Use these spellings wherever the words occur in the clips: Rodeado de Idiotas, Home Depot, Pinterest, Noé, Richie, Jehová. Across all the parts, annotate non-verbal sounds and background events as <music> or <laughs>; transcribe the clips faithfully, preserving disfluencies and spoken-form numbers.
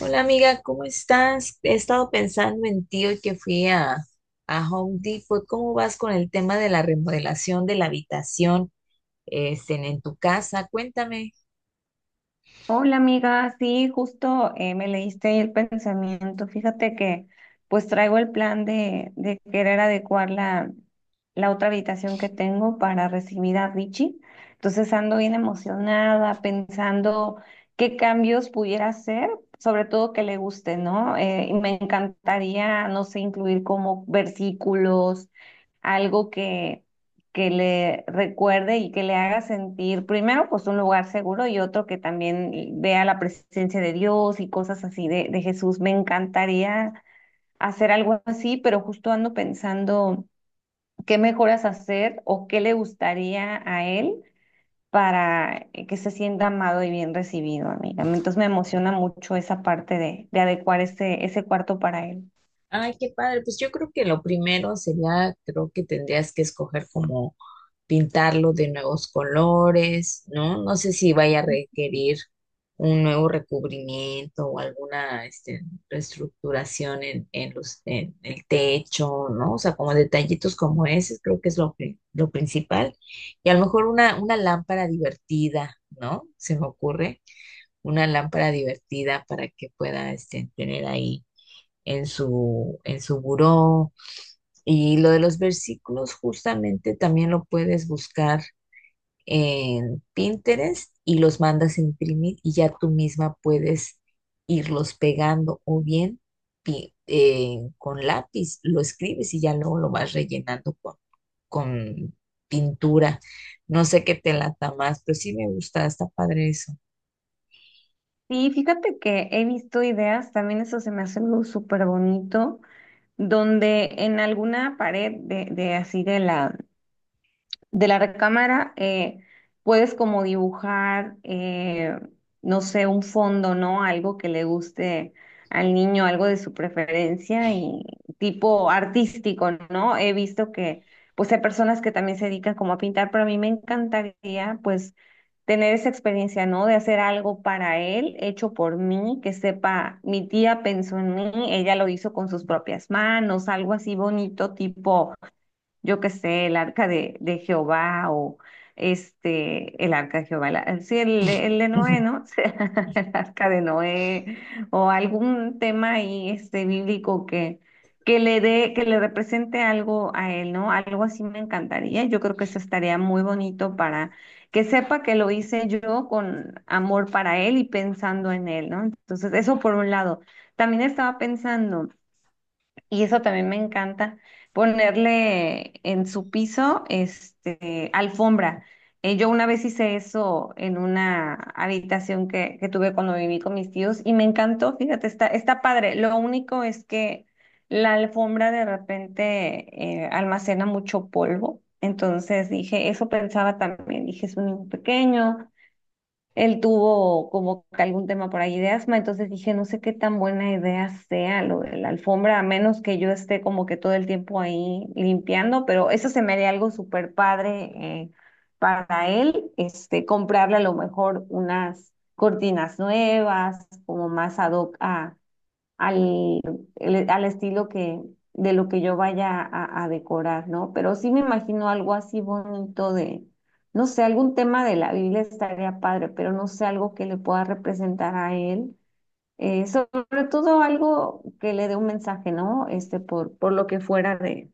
Hola amiga, ¿cómo estás? He estado pensando en ti hoy que fui a, a Home Depot. ¿Cómo vas con el tema de la remodelación de la habitación este, en, en tu casa? Cuéntame. Hola amiga, sí, justo eh, me leíste el pensamiento. Fíjate que pues traigo el plan de, de querer adecuar la, la otra habitación que tengo para recibir a Richie. Entonces ando bien emocionada pensando qué cambios pudiera hacer, sobre todo que le guste, ¿no? Eh, y me encantaría, no sé, incluir como versículos algo que, que le recuerde y que le haga sentir, primero, pues un lugar seguro y otro que también vea la presencia de Dios y cosas así de, de Jesús. Me encantaría hacer algo así, pero justo ando pensando qué mejoras hacer o qué le gustaría a él para que se sienta amado y bien recibido, amiga. Entonces me emociona mucho esa parte de, de adecuar ese, ese cuarto para él. Ay, qué padre. Pues yo creo que lo primero sería, creo que tendrías que escoger como pintarlo de nuevos colores, ¿no? No sé si vaya a requerir un nuevo recubrimiento o alguna este, reestructuración en, en los, en el techo, ¿no? O sea, como detallitos como ese, creo que es lo, pri- lo principal. Y a lo mejor una, una lámpara divertida, ¿no? Se me ocurre una lámpara divertida para que pueda este, tener ahí en su, en su buró. Y lo de los versículos, justamente también lo puedes buscar en Pinterest y los mandas a imprimir y ya tú misma puedes irlos pegando o bien pi- eh, con lápiz lo escribes y ya luego lo vas rellenando con, con pintura. No sé qué te lata más, pero sí me gusta, está padre eso. Y fíjate que he visto ideas, también eso se me hace algo súper bonito donde en alguna pared de, de así de la, de la recámara eh, puedes como dibujar, eh, no sé, un fondo, ¿no? Algo que le guste al niño, algo de su preferencia y tipo artístico, ¿no? He visto que pues hay personas que también se dedican como a pintar, pero a mí me encantaría pues tener esa experiencia, ¿no? De hacer algo para él, hecho por mí, que sepa, mi tía pensó en mí, ella lo hizo con sus propias manos, algo así bonito, tipo yo qué sé, el arca de, de Jehová o este, el arca de Jehová, la- sí, el, de el de Noé, <laughs> ¿no? <laughs> O sea, el arca de Noé o algún tema ahí este, bíblico que, que le dé, que le represente algo a él, ¿no? Algo así me encantaría. Yo creo que eso estaría muy bonito para que sepa que lo hice yo con amor para él y pensando en él, ¿no? Entonces, eso por un lado. También estaba pensando. Y eso también me encanta, ponerle en su piso, este, alfombra. Eh, yo una vez hice eso en una habitación que, que tuve cuando viví con mis tíos y me encantó, fíjate, está, está padre. Lo único es que la alfombra de repente eh, almacena mucho polvo. Entonces dije, eso pensaba también, dije, es un niño pequeño, él tuvo como que algún tema por ahí de asma, entonces dije, no sé qué tan buena idea sea lo de la alfombra, a menos que yo esté como que todo el tiempo ahí limpiando, pero eso se me haría algo súper padre eh, para él, este, comprarle a lo mejor unas cortinas nuevas, como más ad hoc a al, el- al estilo que, de lo que yo vaya a, a decorar, ¿no? Pero sí me imagino algo así bonito de, no sé, algún tema de la Biblia estaría padre, pero no sé, algo que le pueda representar a él. Eh, sobre todo algo que le dé un mensaje, ¿no? Este, por, por lo que fuera de,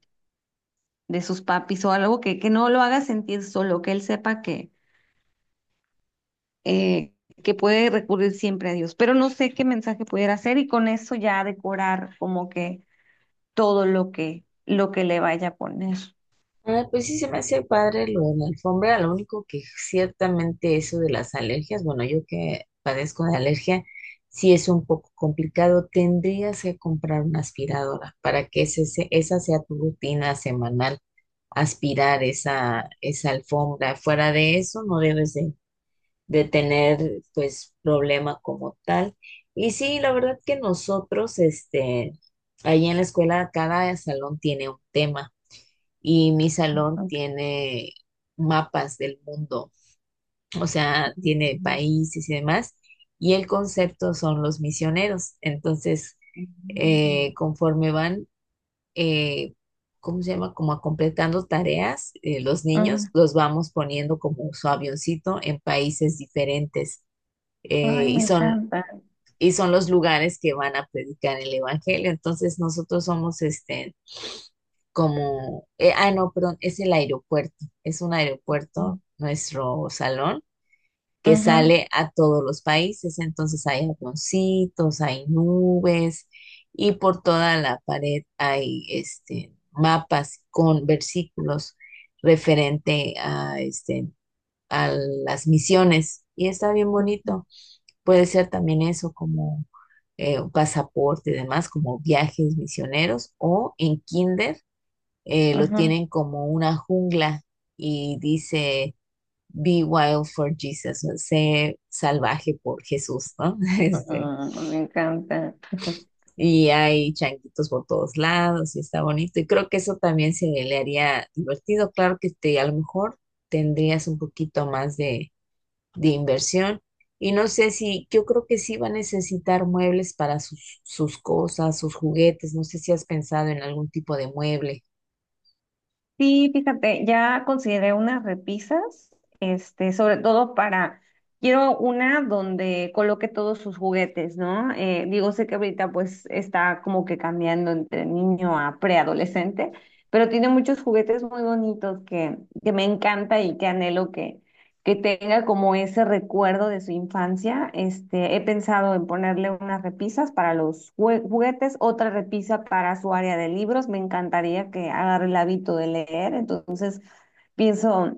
de sus papis o algo que, que no lo haga sentir solo, que él sepa que, eh, que puede recurrir siempre a Dios. Pero no sé qué mensaje pudiera hacer y con eso ya decorar como que todo lo que, lo que le vaya a poner. Ah, pues sí se me hace padre lo de la alfombra, lo único que ciertamente eso de las alergias, bueno, yo que padezco de alergia, sí es un poco complicado, tendrías que comprar una aspiradora para que ese, se- esa sea tu rutina semanal, aspirar esa, esa alfombra. Fuera de eso, no debes de, de tener pues problema como tal. Y sí, la verdad que nosotros, este, ahí en la escuela, cada salón tiene un tema y mi salón tiene mapas del mundo, o sea, tiene Ujú. países y demás, y el concepto son los misioneros. Entonces, eh, conforme van, eh, ¿cómo se llama? Como completando tareas, eh, los niños Ujú. los vamos poniendo como su avioncito en países diferentes, Ay, eh, y me son... encanta. Y son los lugares que van a predicar el evangelio. Entonces nosotros somos este, como, eh, ah, no, perdón, es el aeropuerto, es un aeropuerto, nuestro salón, que Ujú, sale a todos los países, entonces hay avioncitos, hay nubes y por toda la pared hay este, mapas con versículos referente a, este, a las misiones y está bien ujú, bonito. Puede ser también eso como... eh, un pasaporte y demás, como viajes misioneros o en kinder eh, lo ujú. tienen como una jungla y dice, Be wild for Jesus, sé salvaje por Jesús, ¿no? <laughs> Este, Mm, me encanta. y hay changuitos por todos lados y está bonito. Y creo que eso también se le haría divertido. Claro que te, a lo mejor tendrías un poquito más de, de inversión. Y no sé si, yo creo que sí va a necesitar muebles para sus, sus cosas, sus juguetes. No sé si has pensado en algún tipo de mueble. Sí, fíjate, ya consideré unas repisas, este, sobre todo para, quiero una donde coloque todos sus juguetes, ¿no? Eh, digo, sé que ahorita pues está como que cambiando entre niño a preadolescente, pero tiene muchos juguetes muy bonitos que, que me encanta y que anhelo que tenga como ese recuerdo de su infancia. Este, he pensado en ponerle unas repisas para los jue- juguetes, otra repisa para su área de libros. Me encantaría que agarre el hábito de leer, entonces pienso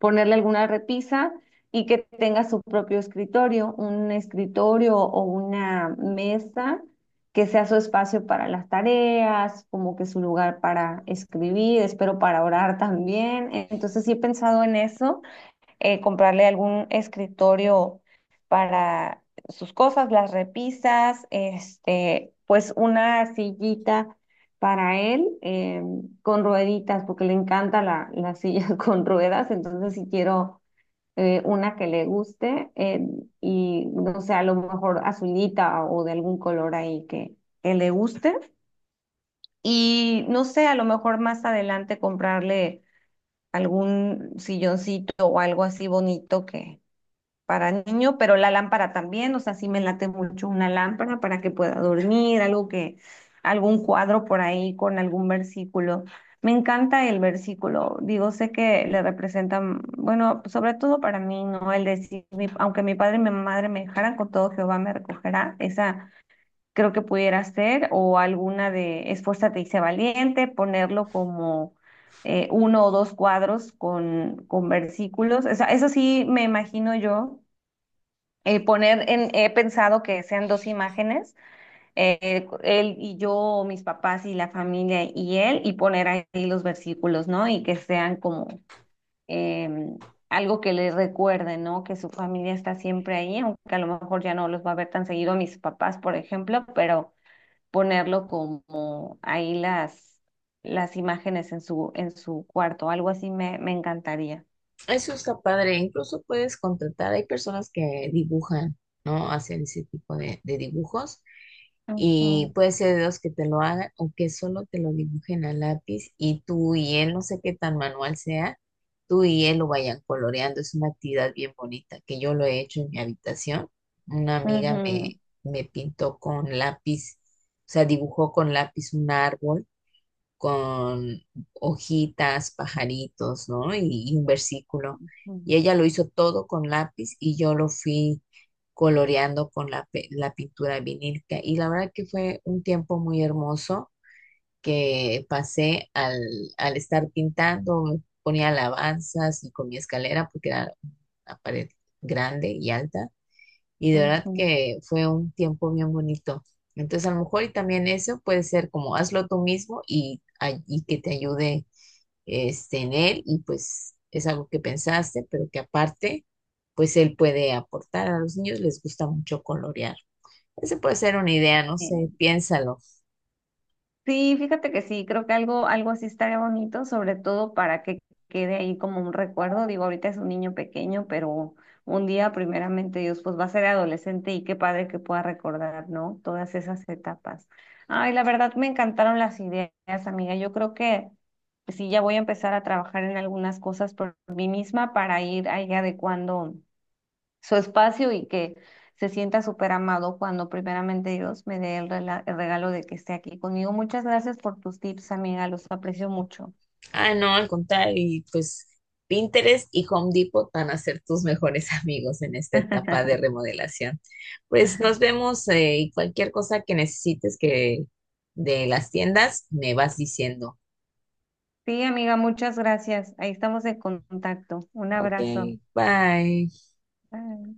ponerle alguna repisa y que tenga su propio escritorio, un escritorio o una mesa que sea su espacio para las tareas, como que su lugar para escribir, espero para orar también. Entonces sí he pensado en eso eh, comprarle algún escritorio para sus cosas, las repisas, este, pues una sillita para él eh, con rueditas, porque le encanta la, la silla <laughs> con ruedas, entonces si quiero eh, una que le guste eh, y no sé, a lo mejor azulita o de algún color ahí que, que le guste. Y no sé, a lo mejor más adelante comprarle algún silloncito o algo así bonito que, para niño, pero la lámpara también, o sea, sí me late mucho una lámpara para que pueda dormir, algo que, algún cuadro por ahí con algún versículo. Me encanta el versículo, digo, sé que le representan, bueno, sobre todo para mí, ¿no? El decir, mi- aunque mi padre y mi madre me dejaran, con todo Jehová me recogerá, esa creo que pudiera ser, o alguna de esfuérzate y sé valiente, ponerlo como eh, uno o dos cuadros con, con versículos, o sea, eso sí me imagino yo eh, poner en, he pensado que sean dos imágenes, eh, él y yo, o mis papás y la familia y él, y poner ahí los versículos, ¿no? Y que sean como em, algo que les recuerde, ¿no? Que su familia está siempre ahí, aunque a lo mejor ya no los va a ver tan seguido a mis papás, por ejemplo, pero ponerlo como ahí las, las imágenes en su, en su cuarto, algo así me, me encantaría. Eso está padre. Incluso puedes contratar, hay personas que dibujan, ¿no? Hacen ese tipo de, de dibujos y Ujú, puede ser de los que te lo hagan o que solo te lo dibujen a lápiz y tú y él, no sé qué tan manual sea, tú y él lo vayan coloreando. Es una actividad bien bonita que yo lo he hecho en mi habitación. Una amiga me, ujú, me pintó con lápiz, o sea, dibujó con lápiz un árbol con hojitas, pajaritos, ¿no? Y, y un versículo. Y ella lo hizo todo con lápiz y yo lo fui coloreando con la, pe- la pintura vinílica. Y la verdad que fue un tiempo muy hermoso que pasé al, al estar pintando, ponía alabanzas y con mi escalera, porque era una pared grande y alta y de verdad ujú, que fue un tiempo bien bonito. Entonces, a lo mejor y también eso puede ser como hazlo tú mismo y, ay- y que te ayude este, en él y pues es algo que pensaste, pero que aparte, pues él puede aportar. A los niños les gusta mucho colorear. Esa puede ser una idea, no ujú. sé, piénsalo. Sí, fíjate que sí, creo que algo, algo así estaría bonito, sobre todo para que quede ahí como un recuerdo. Digo, ahorita es un niño pequeño, pero un día, primeramente Dios, pues va a ser adolescente y qué padre que pueda recordar, ¿no? Todas esas etapas. Ay, la verdad me encantaron las ideas, amiga. Yo creo que sí, ya voy a empezar a trabajar en algunas cosas por mí misma para ir ahí adecuando su espacio y que se sienta súper amado cuando primeramente Dios me dé el, rela- el regalo de que esté aquí conmigo. Muchas gracias por tus tips, amiga, los aprecio mucho. Ah, no, al contrario, y pues Pinterest y Home Depot van a ser tus mejores <laughs> amigos en esta etapa de <laughs> remodelación. Pues nos vemos eh, y cualquier cosa que necesites que de las tiendas me vas diciendo. Sí, amiga, muchas gracias. Ahí estamos en contacto. Un Ok, abrazo. bye. Bye.